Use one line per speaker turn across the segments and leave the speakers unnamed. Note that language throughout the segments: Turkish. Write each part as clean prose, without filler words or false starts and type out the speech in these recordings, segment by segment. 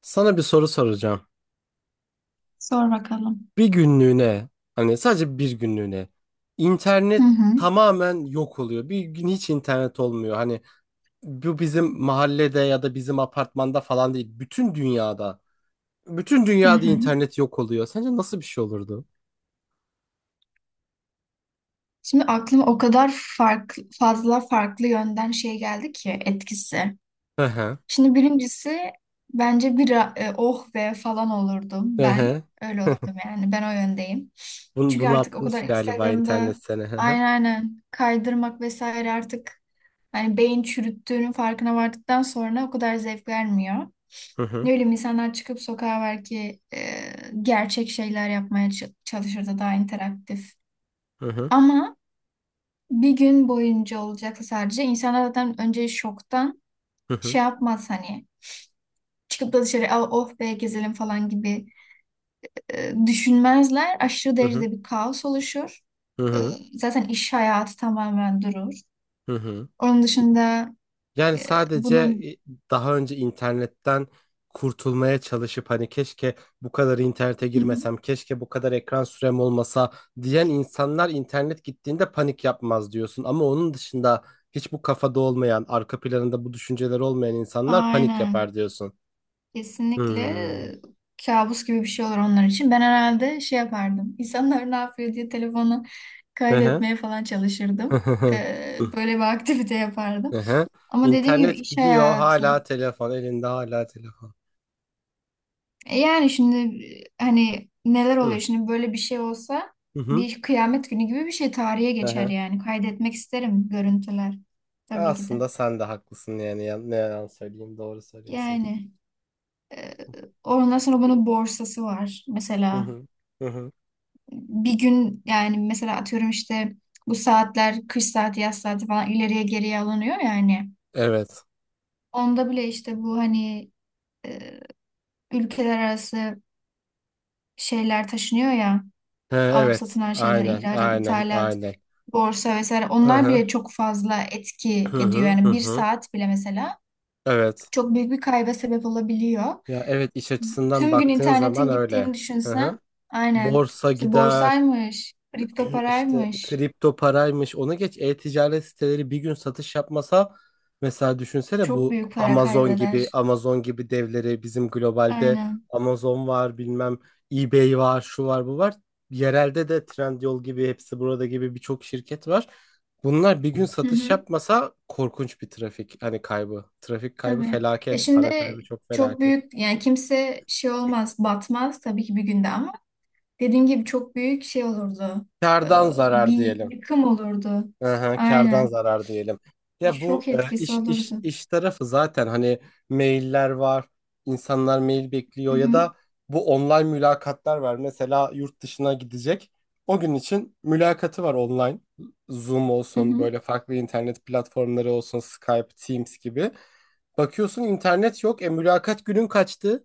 Sana bir soru soracağım.
Sor bakalım.
Bir günlüğüne, hani sadece bir günlüğüne
Hı
internet
hı,
tamamen yok oluyor. Bir gün hiç internet olmuyor. Hani bu bizim mahallede ya da bizim apartmanda falan değil. Bütün dünyada. Bütün
hı
dünyada
hı.
internet yok oluyor. Sence nasıl bir şey olurdu?
Şimdi aklıma o kadar farklı, fazla farklı yönden şey geldi ki etkisi.
Hı hı.
Şimdi birincisi bence bir oh be falan olurdum
Hı
ben.
hı.
Öyle olurdum yani ben o yöndeyim.
Bunu,
Çünkü
bunu
artık o
atmış
kadar
galiba internet
Instagram'da
seni. Hı hı.
aynen aynen kaydırmak vesaire artık hani beyin çürüttüğünün farkına vardıktan sonra o kadar zevk vermiyor.
Hı
Ne
hı.
bileyim insanlar çıkıp sokağa belki gerçek şeyler yapmaya çalışırdı daha interaktif.
Hı hı.
Ama bir gün boyunca olacaksa sadece insanlar zaten önce şoktan
Hı hı.
şey yapmaz hani çıkıp da dışarı "Aa, oh be gezelim" falan gibi düşünmezler. Aşırı
Hı hı.
derecede bir kaos oluşur.
Hı
E,
hı.
zaten iş hayatı tamamen durur.
Hı hı.
Onun dışında
Yani
e,
sadece
bunun
daha önce internetten kurtulmaya çalışıp hani keşke bu kadar internete
Hı hı.
girmesem, keşke bu kadar ekran sürem olmasa diyen insanlar internet gittiğinde panik yapmaz diyorsun. Ama onun dışında hiç bu kafada olmayan, arka planında bu düşünceler olmayan insanlar panik
Aynen.
yapar diyorsun.
Kesinlikle
Hmm.
kabus gibi bir şey olur onlar için. Ben herhalde şey yapardım. İnsanlar ne yapıyor diye telefonu
Ehe.
kaydetmeye falan çalışırdım. Böyle bir aktivite yapardım.
Ehe.
Ama dediğim gibi
İnternet
iş
gidiyor,
hayatı.
hala telefon elinde, hala telefon.
Yani şimdi hani neler
Hı.
oluyor şimdi böyle bir şey olsa
Hı hı.
bir kıyamet günü gibi bir şey tarihe geçer
Ehe.
yani. Kaydetmek isterim görüntüler tabii ki de.
Aslında sen de haklısın, yani ne yalan söyleyeyim, doğru söylüyorsun.
Yani e, ondan sonra bunun borsası var
Hı
mesela.
hı. Hı hı.
Bir gün yani mesela atıyorum işte bu saatler kış saati yaz saati falan ileriye geriye alınıyor yani.
Evet.
Onda bile işte bu hani e, ülkeler arası şeyler taşınıyor ya,
He,
alıp
evet.
satılan şeyler,
Aynen.
ihracat,
Aynen.
ithalat,
Aynen.
borsa vesaire,
Hı
onlar
hı.
bile çok fazla etki
Hı
ediyor.
hı.
Yani
Hı
bir
hı.
saat bile mesela
Evet.
çok büyük bir kayba sebep olabiliyor.
Ya evet, iş açısından
Tüm gün
baktığın zaman
internetin gittiğini
öyle. Hı hı.
düşünsen aynen
Borsa
işte
gider.
borsaymış, kripto
İşte
paraymış,
kripto paraymış, ona geç, e-ticaret siteleri bir gün satış yapmasa mesela, düşünsene
çok
bu
büyük para
Amazon gibi
kaybeder.
Amazon gibi devleri. Bizim globalde
Aynen.
Amazon var, bilmem eBay var, şu var, bu var, yerelde de Trendyol gibi, hepsi burada gibi, birçok şirket var. Bunlar bir gün
Hı
satış
hı,
yapmasa korkunç bir trafik, hani kaybı. Trafik kaybı
tabii. Ya
felaket, para
şimdi
kaybı çok
çok
felaket.
büyük yani, kimse şey olmaz, batmaz tabii ki bir günde, ama dediğim gibi çok büyük şey olurdu. Ee,
Kardan zarar
bir
diyelim.
yıkım olurdu.
Aha, kardan
Aynen.
zarar diyelim. Ya bu
Şok etkisi
iş iş
olurdu.
iş tarafı zaten, hani mailler var. İnsanlar mail
Hı
bekliyor ya
hı,
da bu online mülakatlar var. Mesela yurt dışına gidecek. O gün için mülakatı var, online. Zoom
hı
olsun,
hı.
böyle farklı internet platformları olsun, Skype, Teams gibi. Bakıyorsun, internet yok. E, mülakat günün kaçtı.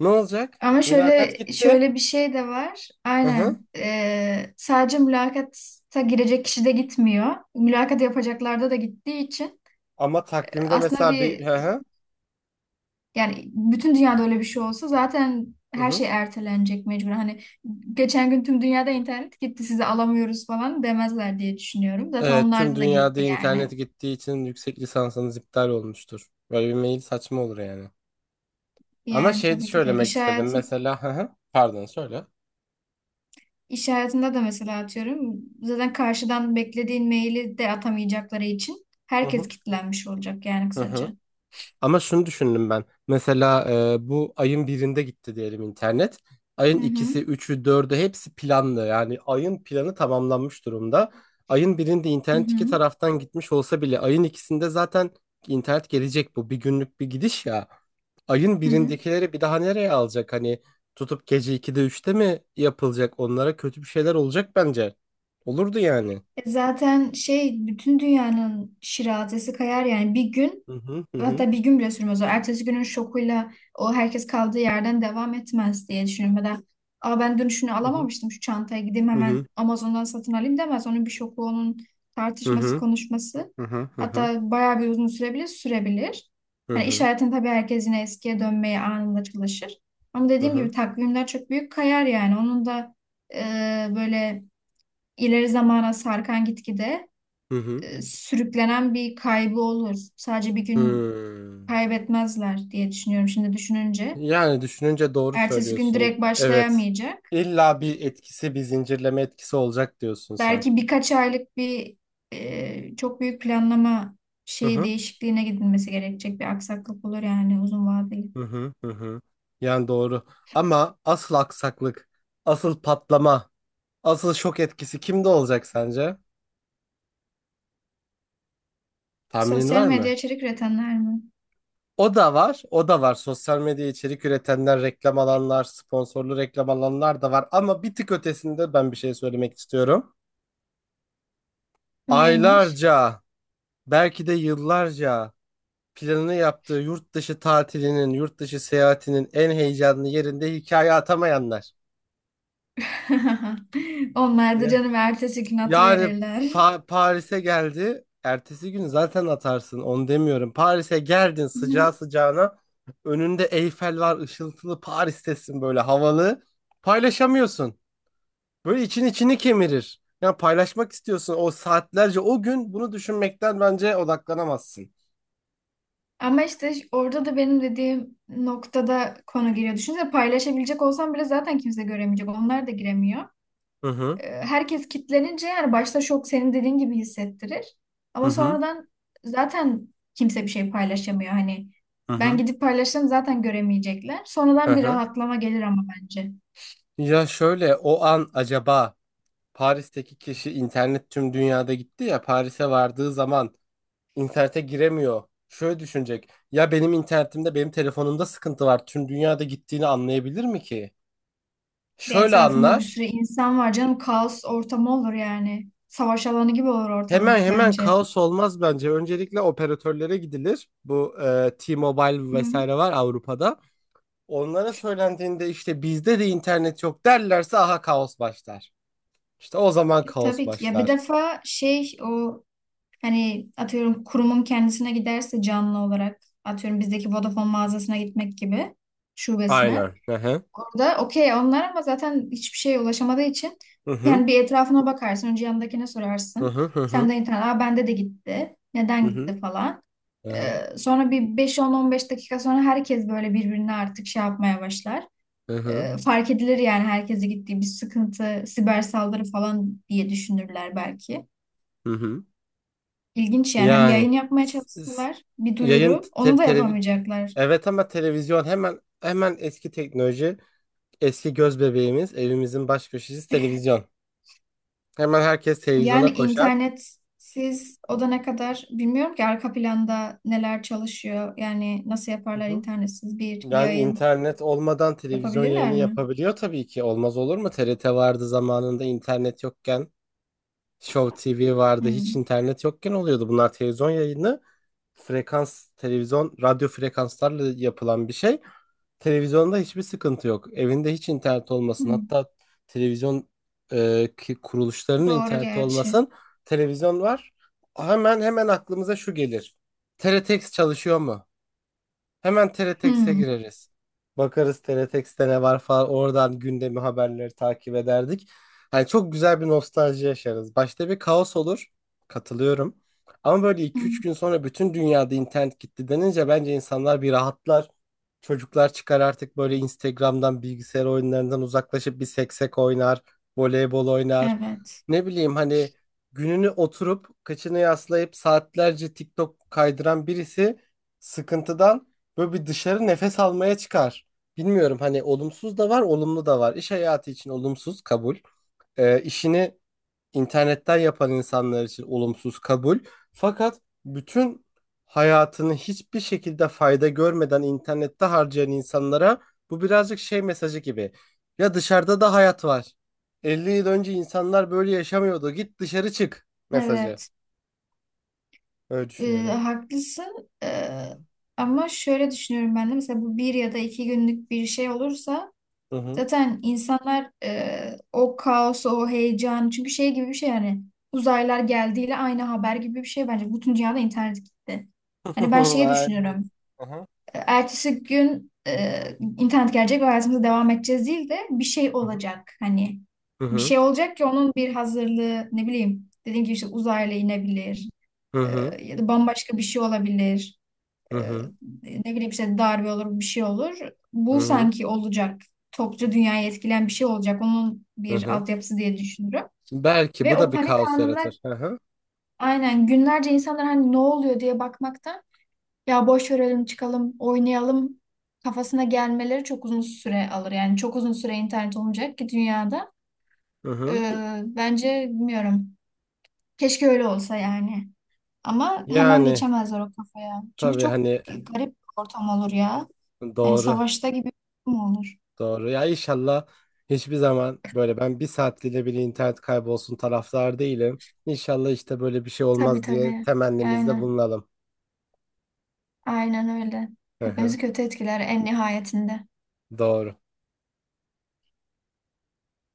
Ne olacak?
Ama
Mülakat
şöyle
gitti.
şöyle bir şey de var.
Hı hı.
Aynen. Sadece mülakata girecek kişi de gitmiyor. Mülakat yapacaklarda da gittiği için
Ama takvimde
aslında
mesela bir,
bir.
hı hı.
Yani bütün dünyada öyle bir şey olsa zaten
Hı
her
hı.
şey ertelenecek mecburen. Hani geçen gün tüm dünyada internet gitti, sizi alamıyoruz falan demezler diye düşünüyorum. Zaten
Evet, tüm
onlarda da
dünyada
gitti yani.
internet gittiği için yüksek lisansınız iptal olmuştur. Böyle bir mail saçma olur yani. Ama
Yani
şey
tabii ki de
söylemek istedim mesela. Hı hı, pardon, söyle.
iş hayatında da mesela atıyorum, zaten karşıdan beklediğin maili de atamayacakları için
Hı hı.
herkes kilitlenmiş olacak yani,
Hı hı.
kısaca.
Ama şunu düşündüm ben. Mesela bu ayın birinde gitti diyelim internet.
Hı
Ayın
hı.
ikisi, üçü, dördü hepsi planlı. Yani ayın planı tamamlanmış durumda. Ayın birinde
Hı
internet iki
hı.
taraftan gitmiş olsa bile ayın ikisinde zaten internet gelecek bu. Bir günlük bir gidiş ya. Ayın
Hı hı.
birindekileri bir daha nereye alacak? Hani tutup gece 2'de 3'te mi yapılacak? Onlara kötü bir şeyler olacak bence. Olurdu yani.
Zaten şey, bütün dünyanın şirazesi kayar yani bir gün.
Hı hı hı, hı
Hatta bir gün bile sürmez o. Ertesi günün şokuyla o, herkes kaldığı yerden devam etmez diye düşünüyorum. Ya da "Aa, ben dün şunu
hı,
alamamıştım, şu çantaya gideyim
hı hı,
hemen Amazon'dan satın alayım" demez. Onun bir şoku, onun tartışması,
hı
konuşması.
hı, hı hı, hı
Hatta bayağı bir uzun sürebilir sürebilir. Hani iş
hı,
hayatında tabii herkes yine eskiye dönmeye anında çalışır. Ama
hı
dediğim
hı.
gibi takvimler çok büyük kayar yani. Onun da e, böyle ileri zamana sarkan, gitgide
Hı hı.
sürüklenen bir kaybı olur. Sadece bir gün
Hmm.
kaybetmezler diye düşünüyorum şimdi düşününce.
Yani düşününce doğru
Ertesi gün
söylüyorsun.
direkt
Evet.
başlayamayacak.
İlla bir etkisi, bir zincirleme etkisi olacak diyorsun sen.
Belki birkaç aylık bir çok büyük planlama
Hı
şeyi
hı.
değişikliğine gidilmesi gerekecek, bir aksaklık olur yani, uzun vadeli.
Hı hı. Hı hı. Yani doğru. Ama asıl aksaklık, asıl patlama, asıl şok etkisi kimde olacak sence? Tahminin
Sosyal
var
medya
mı?
içerik üretenler mi?
O da var, o da var. Sosyal medya içerik üretenler, reklam alanlar, sponsorlu reklam alanlar da var. Ama bir tık ötesinde ben bir şey söylemek istiyorum.
Neymiş?
Aylarca, belki de yıllarca planını yaptığı yurt dışı tatilinin, yurt dışı seyahatinin en heyecanlı yerinde hikaye atamayanlar.
Onlar da
Ya.
canım ertesi gün
Yani
atıverirler.
Paris'e geldi. Ertesi gün zaten atarsın, onu demiyorum. Paris'e geldin
Hı
sıcağı
hı.
sıcağına. Önünde Eyfel var, ışıltılı, Paris'tesin, böyle havalı. Paylaşamıyorsun. Böyle için içini kemirir. Ya paylaşmak istiyorsun, o saatlerce o gün bunu düşünmekten bence odaklanamazsın.
Ama işte orada da benim dediğim noktada konu giriyor. Düşünsene, paylaşabilecek olsam bile zaten kimse göremeyecek. Onlar da giremiyor.
Hı hı.
Herkes kitlenince yani, başta şok senin dediğin gibi hissettirir.
Hı
Ama
hı.
sonradan zaten kimse bir şey paylaşamıyor. Hani
Hı
ben
hı.
gidip paylaşsam zaten göremeyecekler.
Hı
Sonradan bir
hı.
rahatlama gelir ama bence.
Ya şöyle, o an acaba Paris'teki kişi, internet tüm dünyada gitti ya, Paris'e vardığı zaman internete giremiyor. Şöyle düşünecek. Ya benim internetimde, benim telefonumda sıkıntı var. Tüm dünyada gittiğini anlayabilir mi ki?
De
Şöyle
etrafında bir
anlar.
sürü insan var canım. Kaos ortamı olur yani. Savaş alanı gibi olur
Hemen
ortalık
hemen
bence.
kaos olmaz bence. Öncelikle operatörlere gidilir. Bu T-Mobile
Hı hı.
vesaire var Avrupa'da. Onlara söylendiğinde işte bizde de internet yok derlerse, aha, kaos başlar. İşte o zaman kaos
Tabii ki. Ya bir
başlar.
defa şey o, hani atıyorum kurumun kendisine giderse canlı olarak, atıyorum bizdeki Vodafone mağazasına gitmek gibi, şubesine.
Aynen. Hı hı.
Orada okey onlar, ama zaten hiçbir şeye ulaşamadığı için
Hı hı.
yani bir etrafına bakarsın. Önce yanındakine
Hı
sorarsın.
hı. Hı hı.
Senden internet. Aa, bende de gitti. Neden
Hı hı.
gitti falan.
Aha.
Sonra bir 5, 10, 15 dakika sonra herkes böyle birbirine artık şey yapmaya başlar.
Hı hı.
Fark edilir yani, herkese gittiği, bir sıkıntı, siber saldırı falan diye düşünürler belki.
Hı hı.
İlginç yani, hani
Yani
yayın yapmaya
s- s-
çalışsalar, bir
yayın
duyuru, onu da yapamayacaklar.
evet, ama televizyon hemen hemen eski teknoloji, eski göz bebeğimiz, evimizin baş köşesi televizyon. Hemen herkes
Yani
televizyona koşar.
internetsiz o da ne kadar, bilmiyorum ki arka planda neler çalışıyor. Yani nasıl
Hı
yaparlar
hı.
internetsiz bir
Yani
yayın,
internet olmadan televizyon yayını
yapabilirler mi?
yapabiliyor tabii ki. Olmaz olur mu? TRT vardı zamanında, internet yokken. Show TV vardı. Hiç
Hmm.
internet yokken oluyordu. Bunlar televizyon yayını. Frekans, televizyon, radyo frekanslarla yapılan bir şey. Televizyonda hiçbir sıkıntı yok. Evinde hiç internet olmasın.
Hmm.
Hatta televizyon kuruluşlarının
Doğru
interneti
gerçi.
olmasın. Televizyon var. Hemen hemen aklımıza şu gelir: teletext çalışıyor mu? Hemen TRTX'e
Hmm.
gireriz. Bakarız TRTX'te ne var falan. Oradan gündemi, haberleri takip ederdik. Hani çok güzel bir nostalji yaşarız. Başta bir kaos olur. Katılıyorum. Ama böyle iki
Hmm.
üç gün sonra bütün dünyada internet gitti denince bence insanlar bir rahatlar. Çocuklar çıkar artık, böyle Instagram'dan, bilgisayar oyunlarından uzaklaşıp bir seksek oynar, voleybol oynar.
Evet.
Ne bileyim, hani gününü oturup kıçını yaslayıp saatlerce TikTok kaydıran birisi sıkıntıdan böyle bir dışarı nefes almaya çıkar. Bilmiyorum, hani olumsuz da var, olumlu da var. İş hayatı için olumsuz, kabul. İşini internetten yapan insanlar için olumsuz, kabul. Fakat bütün hayatını hiçbir şekilde fayda görmeden internette harcayan insanlara bu birazcık şey mesajı gibi. Ya dışarıda da hayat var. 50 yıl önce insanlar böyle yaşamıyordu. Git dışarı çık mesajı.
Evet.
Öyle
Ee,
düşünüyorum.
haklısın. Ama şöyle düşünüyorum ben de mesela, bu bir ya da iki günlük bir şey olursa
Hı hı.
zaten insanlar o kaosu, o heyecanı, çünkü şey gibi bir şey yani, uzaylılar geldiğiyle aynı haber gibi bir şey bence. Bütün dünyada internet gitti. Hani ben şeyi
Aynen.
düşünüyorum.
Hı hı.
Ertesi gün internet gelecek ve hayatımıza devam edeceğiz değil de, bir şey
Hı hı.
olacak. Hani
Hı
bir
hı.
şey olacak ki, onun bir hazırlığı, ne bileyim, dediğim gibi işte uzaylı inebilir,
Hı hı.
ya da bambaşka bir şey olabilir,
Hı
e,
hı.
ne bileyim işte, darbe olur, bir şey olur.
Hı
Bu
hı.
sanki olacak. Topluca dünyayı etkileyen bir şey olacak. Onun
Hı
bir
hı.
altyapısı diye düşünürüm.
Belki
Ve
bu
o
da bir
panik
kaos
anında,
yaratır. Hı hı.
aynen, günlerce insanlar hani ne oluyor diye bakmaktan, ya boş verelim çıkalım oynayalım kafasına gelmeleri çok uzun süre alır. Yani çok uzun süre internet olmayacak ki dünyada.
Hı hı.
Bence bilmiyorum. Keşke öyle olsa yani. Ama hemen
Yani
geçemezler o kafaya. Çünkü
tabii,
çok
hani
garip bir ortam olur ya. Hani
doğru,
savaşta gibi bir durum olur.
doğru ya, inşallah hiçbir zaman böyle, ben 1 saatliğine bile internet kaybolsun taraftar değilim. İnşallah işte böyle bir şey
Tabii
olmaz diye
tabii.
temennimizde
Yani
bulunalım.
aynen öyle.
Hı hı,
Hepimizi kötü etkiler en nihayetinde.
doğru.